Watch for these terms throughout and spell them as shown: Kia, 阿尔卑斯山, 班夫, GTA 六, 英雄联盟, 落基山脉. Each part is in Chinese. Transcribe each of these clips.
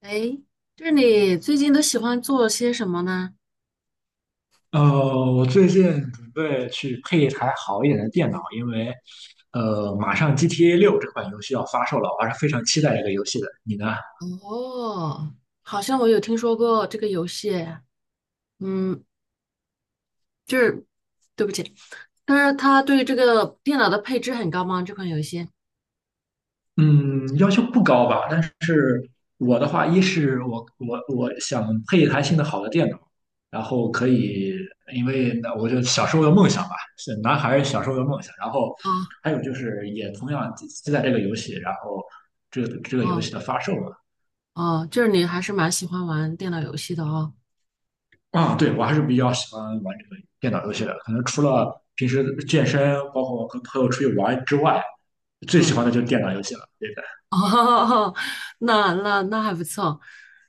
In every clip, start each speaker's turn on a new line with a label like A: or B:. A: 哎，就是你最近都喜欢做些什么呢？
B: 呃，我最近准备去配一台好一点的电脑，因为马上 GTA 六这款游戏要发售了，我还是非常期待这个游戏的。你呢？
A: 哦，好像我有听说过这个游戏，嗯，就是对不起，但是它对这个电脑的配置很高吗？这款游戏？
B: 嗯，要求不高吧，但是我的话，一是我想配一台性能好的电脑，然后可以，因为那我就小时候的梦想吧，是男孩儿小时候的梦想。然后
A: 啊
B: 还有就是，也同样期待这个游戏，然后这个游
A: 哦
B: 戏的发售嘛。
A: 哦，就是你还是蛮喜欢玩电脑游戏的哦。
B: 啊，对，我还是比较喜欢玩这个电脑游戏的。可能除了平时健身，包括跟朋友出去玩之外，最喜
A: 嗯，
B: 欢的就是电脑游戏了。对的。
A: 哦，那还不错。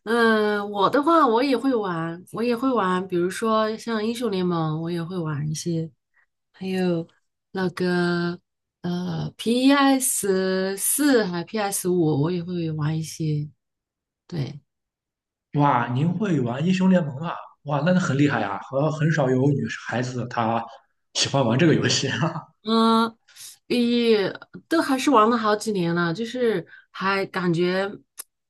A: 嗯，我的话我也会玩，我也会玩，比如说像英雄联盟，我也会玩一些。还有那个PS4还 PS5，我也会玩一些。对，
B: 哇，您会玩英雄联盟啊？哇，那很厉害呀、和很少有女孩子她喜欢玩这个游戏啊。
A: 嗯，也都还是玩了好几年了，就是还感觉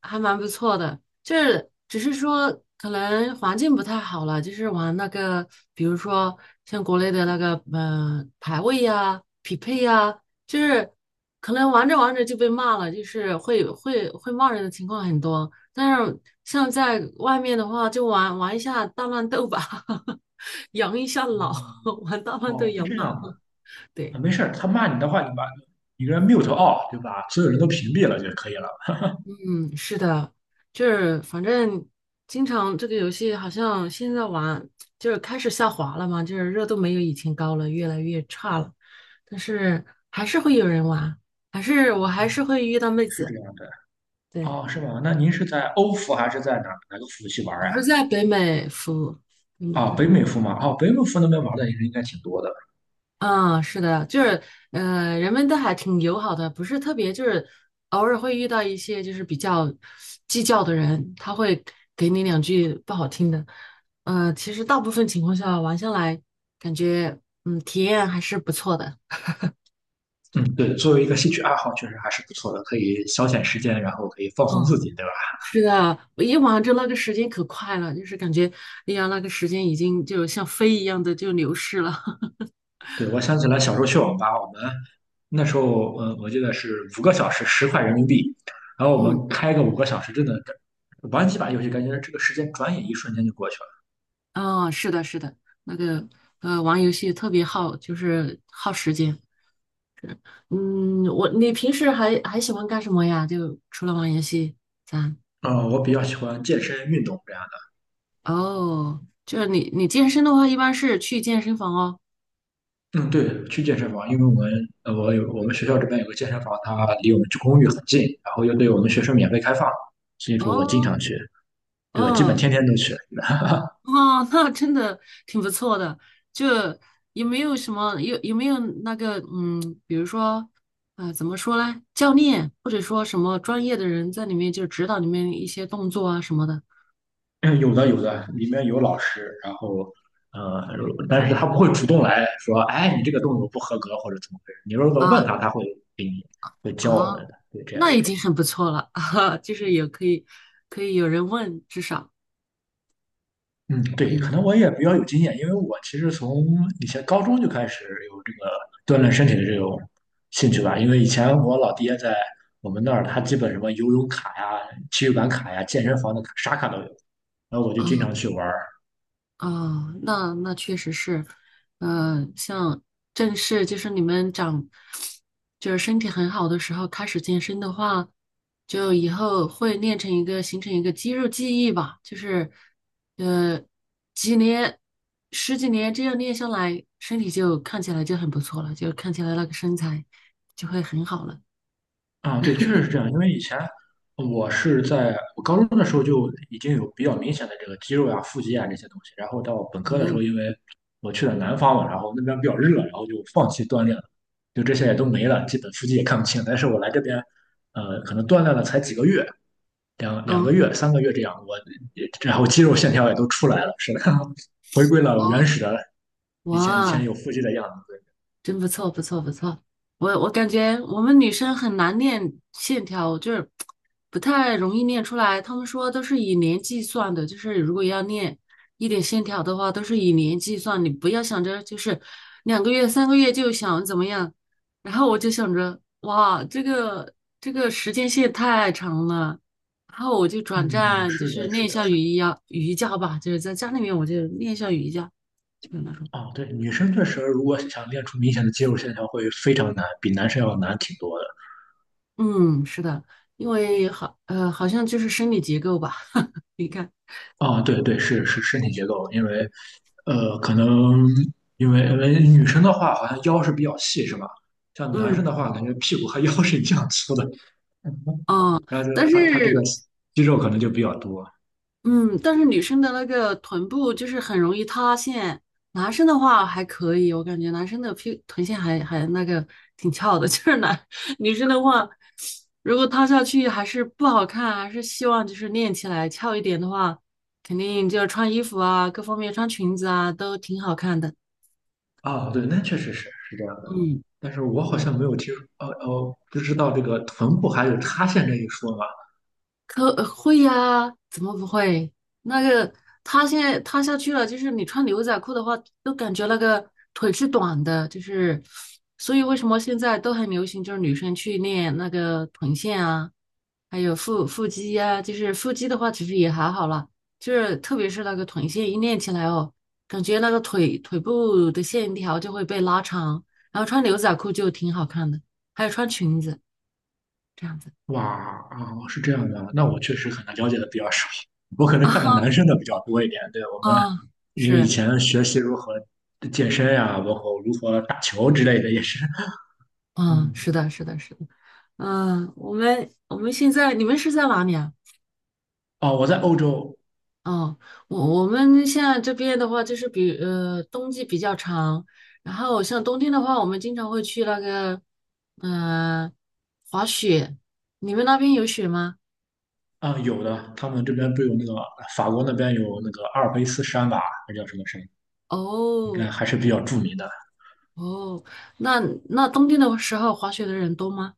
A: 还蛮不错的，就是只是说可能环境不太好了，就是玩那个，比如说像国内的那个排位呀、匹配呀，就是可能玩着玩着就被骂了，就是会骂人的情况很多。但是像在外面的话，就玩玩一下大乱斗吧，养一下 老，
B: 嗯，
A: 玩大乱斗
B: 哦，是
A: 养
B: 这样
A: 老，
B: 的。
A: 对。
B: 啊，没事儿，他骂你的话，你给他 mute off，对吧？所有人都屏蔽了就可以了。
A: 嗯，是的，就是反正经常这个游戏好像现在玩就是开始下滑了嘛，就是热度没有以前高了，越来越差了，但是还是会有人玩，还是我还
B: 嗯，
A: 是会遇到妹
B: 是这
A: 子。
B: 样的。
A: 对，
B: 哦，是吗？那您是在欧服还是在哪个服务器玩
A: 我
B: 呀、
A: 是在北美服务，北美
B: 啊？
A: 的
B: 北
A: 这。
B: 美服吗？哦，北美服那边玩的人应该挺多的。
A: 嗯，是的，就是，人们都还挺友好的，不是特别，就是偶尔会遇到一些就是比较计较的人，他会给你两句不好听的。其实大部分情况下玩下来，感觉体验还是不错的。
B: 嗯，对，作为一个兴趣爱好，确实还是不错的，可以消遣时间，然后可以放松自
A: 嗯，
B: 己，对吧？
A: 是的，我一玩就那个时间可快了，就是感觉，哎呀，那个时间已经就像飞一样的就流逝了。
B: 对，我想起来小时候去网吧，我们那时候，我记得是五个小时10块人民币，然后 我
A: 嗯，
B: 们开个五个小时，真的玩几把游戏，感觉这个时间转眼一瞬间就过去了。
A: 啊，是的，是的，那个玩游戏特别耗，就是耗时间。嗯，我，你平时还喜欢干什么呀？就除了玩游戏，咱
B: 嗯，我比较喜欢健身运动这样
A: 哦，就是你健身的话，一般是去健身房哦。
B: 的。嗯，对，去健身房，因为我们我们学校这边有个健身房，它离我们公寓很近，然后又对我们学生免费开放，所以说我经
A: 哦，
B: 常去，对，我基本
A: 哦，
B: 天天都去。
A: 哦，那真的挺不错的。就有没有什么有没有那个比如说怎么说呢？教练或者说什么专业的人在里面就指导你们一些动作啊什么的
B: 哎，有的有的，里面有老师，然后，呃，但是他不会主动来说，哎，你这个动作不合格或者怎么回事。你如果问
A: 啊
B: 他，他会给你会教我
A: 啊，
B: 们的，对这样
A: 那已
B: 的。
A: 经很不错了 啊，就是有可以可以有人问，至少。
B: 嗯，对，可能我也比较有经验，因为我其实从以前高中就开始有这个锻炼身体的这种兴趣吧。因为以前我老爹在我们那儿，他基本什么游泳卡呀、体育馆卡呀、健身房的卡啥卡都有，然后我就经
A: 啊。
B: 常去玩。
A: 哦，那确实是，像正式就是你们长，就是身体很好的时候开始健身的话，就以后会练成一个形成一个肌肉记忆吧，就是呃几年十几年这样练下来，身体就看起来就很不错了，就看起来那个身材就会很好了。
B: 啊，对，确实是这样。因为以前我是在我高中的时候就已经有比较明显的这个肌肉呀、腹肌啊这些东西，然后到本科的时候，
A: 嗯，
B: 因为我去了南方嘛，然后那边比较热，然后就放弃锻炼了，就这些也都没了，基本腹肌也看不清。但是我来这边，可能锻炼了才几个月，两个
A: 哦，
B: 月、3个月这样，然后肌肉线条也都出来了，是的，回归了
A: 哦，
B: 原始的以前
A: 哇，
B: 有腹肌的样子。对。
A: 真不错，不错，不错。我感觉我们女生很难练线条，就是不太容易练出来。他们说都是以年计算的，就是如果要练一点线条的话，都是以年计算。你不要想着就是两个月、三个月就想怎么样。然后我就想着，哇，这个时间线太长了。然后我就转
B: 嗯，
A: 战，就
B: 是
A: 是
B: 的，
A: 练
B: 是
A: 一下
B: 的。
A: 瑜伽，瑜伽吧，就是在家里面我就练一下瑜伽，就是那种。
B: 哦，对，女生确实如果想练出明显的肌肉线条会非常难，比男生要难挺多的。
A: 嗯，是的，因为好，好像就是生理结构吧，你看，
B: 哦，对对，是身体结构，因为可能因为女生的话好像腰是比较细，是吧？像男
A: 嗯，
B: 生的话，感觉屁股和腰是一样粗的。
A: 啊，
B: 然后就
A: 但
B: 他这个
A: 是，
B: 肌肉可能就比较多。
A: 嗯，但是女生的那个臀部就是很容易塌陷，男生的话还可以，我感觉男生的屁臀线还那个挺翘的，就是男 女生的话，如果塌下去还是不好看，还是希望就是练起来翘一点的话，肯定就穿衣服啊，各方面穿裙子啊都挺好看的，
B: 啊，对，那确实是这样的，
A: 嗯
B: 但是我好
A: 嗯
B: 像没有听说，哦哦，不知道这个臀部还有塌陷这一说。
A: 会呀，怎么不会？那个塌现在塌下去了，就是你穿牛仔裤的话，都感觉那个腿是短的，就是，所以为什么现在都很流行，就是女生去练那个臀线啊，还有腹肌呀、就是腹肌的话，其实也还好啦，就是特别是那个臀线一练起来哦，感觉那个腿部的线条就会被拉长，然后穿牛仔裤就挺好看的，还有穿裙子这样子
B: 哇，啊，是这样的，那我确实可能了解的比较少，我可能看的男
A: 啊
B: 生的比较多一点。对，我们
A: 啊，
B: 因为以
A: 是。
B: 前学习如何健身呀、包括如何打球之类的，也是，
A: 嗯，
B: 嗯。
A: 是的，是的，是的，嗯，我们现在你们是在哪里啊？
B: 哦，我在欧洲。
A: 哦，我们现在这边的话，就是冬季比较长，然后像冬天的话，我们经常会去那个嗯、呃滑雪。你们那边有雪吗？
B: 啊、有的，他们这边不有那个法国那边有那个阿尔卑斯山吧，还叫什么山，应该
A: 哦
B: 还是比较著名的。
A: 哦，那那冬天的时候滑雪的人多吗？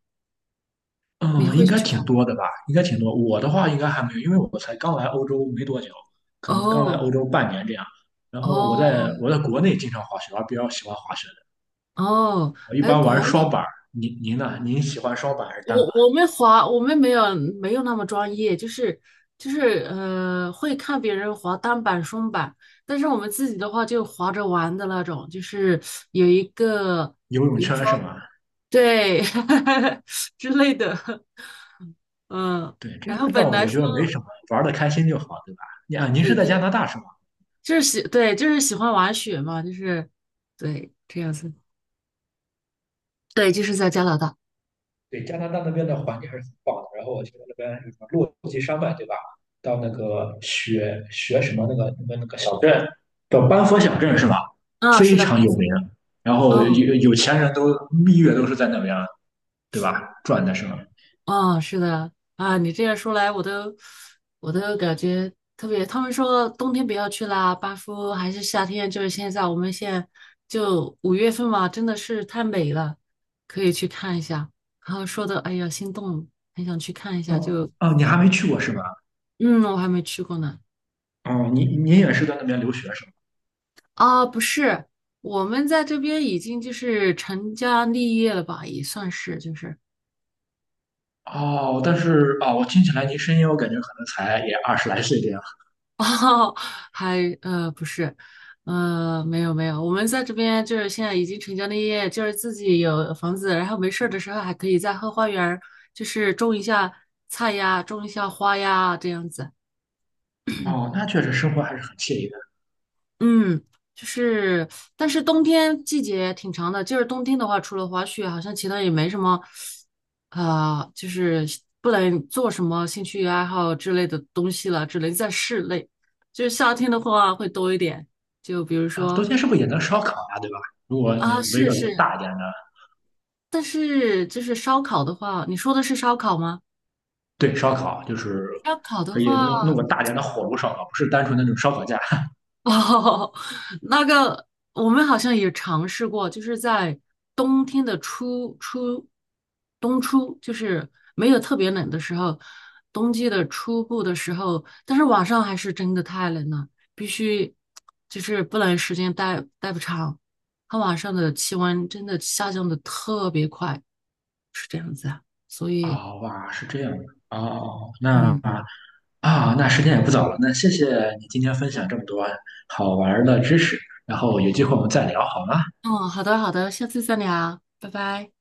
A: 你
B: 嗯，
A: 会
B: 应该
A: 去
B: 挺
A: 滑？
B: 多的吧？应该挺多。我的话应该还没有，因为我才刚来欧洲没多久，可能刚来
A: 哦
B: 欧洲半年这样。然后我
A: 哦
B: 在我在国内经常滑雪，我还比较喜欢滑雪的。
A: 哦，
B: 我一
A: 哎，
B: 般玩
A: 国
B: 双
A: 内。
B: 板儿。您呢？您喜欢双板还是单板？
A: 我们滑，我们没有那么专业，就是会看别人滑单板、双板，但是我们自己的话就滑着玩的那种，就是有一个，
B: 游泳
A: 比如
B: 圈是
A: 说
B: 吗？
A: 对 之类的，嗯，
B: 对，这
A: 然后
B: 个
A: 本
B: 倒
A: 来
B: 我觉得没
A: 说
B: 什么，玩的开心就好，对吧？你啊，您是
A: 对
B: 在
A: 对，
B: 加拿大是吗？
A: 就是喜对就是喜欢玩雪嘛，就是对这样子，对，就是在加拿大，
B: 对，加拿大那边的环境还是很棒的。然后我去那边有什么落基山脉，对吧？到那个雪什么那个小镇，叫班夫小镇是吧？
A: 嗯，
B: 非
A: 是的，
B: 常
A: 巴
B: 有
A: 斯
B: 名。然后有
A: 嗯
B: 有钱人都蜜月都是在那边，对吧？转的是吗？
A: 啊，是的啊，你这样说来，我都感觉特别。他们说冬天不要去啦，班夫还是夏天，就是现在，我们现在就5月份嘛，真的是太美了，可以去看一下。然后说的，哎呀，心动，很想去看一下。
B: 哦
A: 就
B: 哦，你还没去过是吧？
A: 嗯，我还没去过呢。
B: 哦，你也是在那边留学是吗？
A: 啊，不是，我们在这边已经就是成家立业了吧，也算是就是。
B: 哦，但是啊、我听起来您声音，我感觉可能才也二十来岁这样。
A: 哦，还不是，没有没有，我们在这边就是现在已经成家立业，就是自己有房子，然后没事儿的时候还可以在后花园儿就是种一下菜呀，种一下花呀，这样子。
B: 哦，那确实生活还是很惬意的。
A: 嗯，就是，但是冬天季节挺长的，就是冬天的话，除了滑雪，好像其他也没什么，啊、就是不能做什么兴趣爱好之类的东西了，只能在室内。就是夏天的话会多一点。就比如
B: 啊，冬
A: 说，
B: 天是不是也能烧烤呀、对吧？如果你
A: 啊，
B: 围
A: 是
B: 个炉
A: 是，
B: 大一点的。
A: 但是就是烧烤的话，你说的是烧烤吗？
B: 对，烧烤就是
A: 烧烤的
B: 可以
A: 话，
B: 弄弄个大点的火炉烧烤，不是单纯的那种烧烤架。
A: 哦，那个我们好像也尝试过，就是在冬天的冬初，就是没有特别冷的时候，冬季的初步的时候，但是晚上还是真的太冷了，必须就是不能时间待不长，它晚上的气温真的下降的特别快，是这样子啊，所以。
B: 啊、哇，是这样的。哦，
A: 嗯，
B: 那时间也不早了，那谢谢你今天分享这么多好玩儿的知识，然后有机会我们再聊好吗？
A: 嗯，好的，好的，下次再聊，拜拜。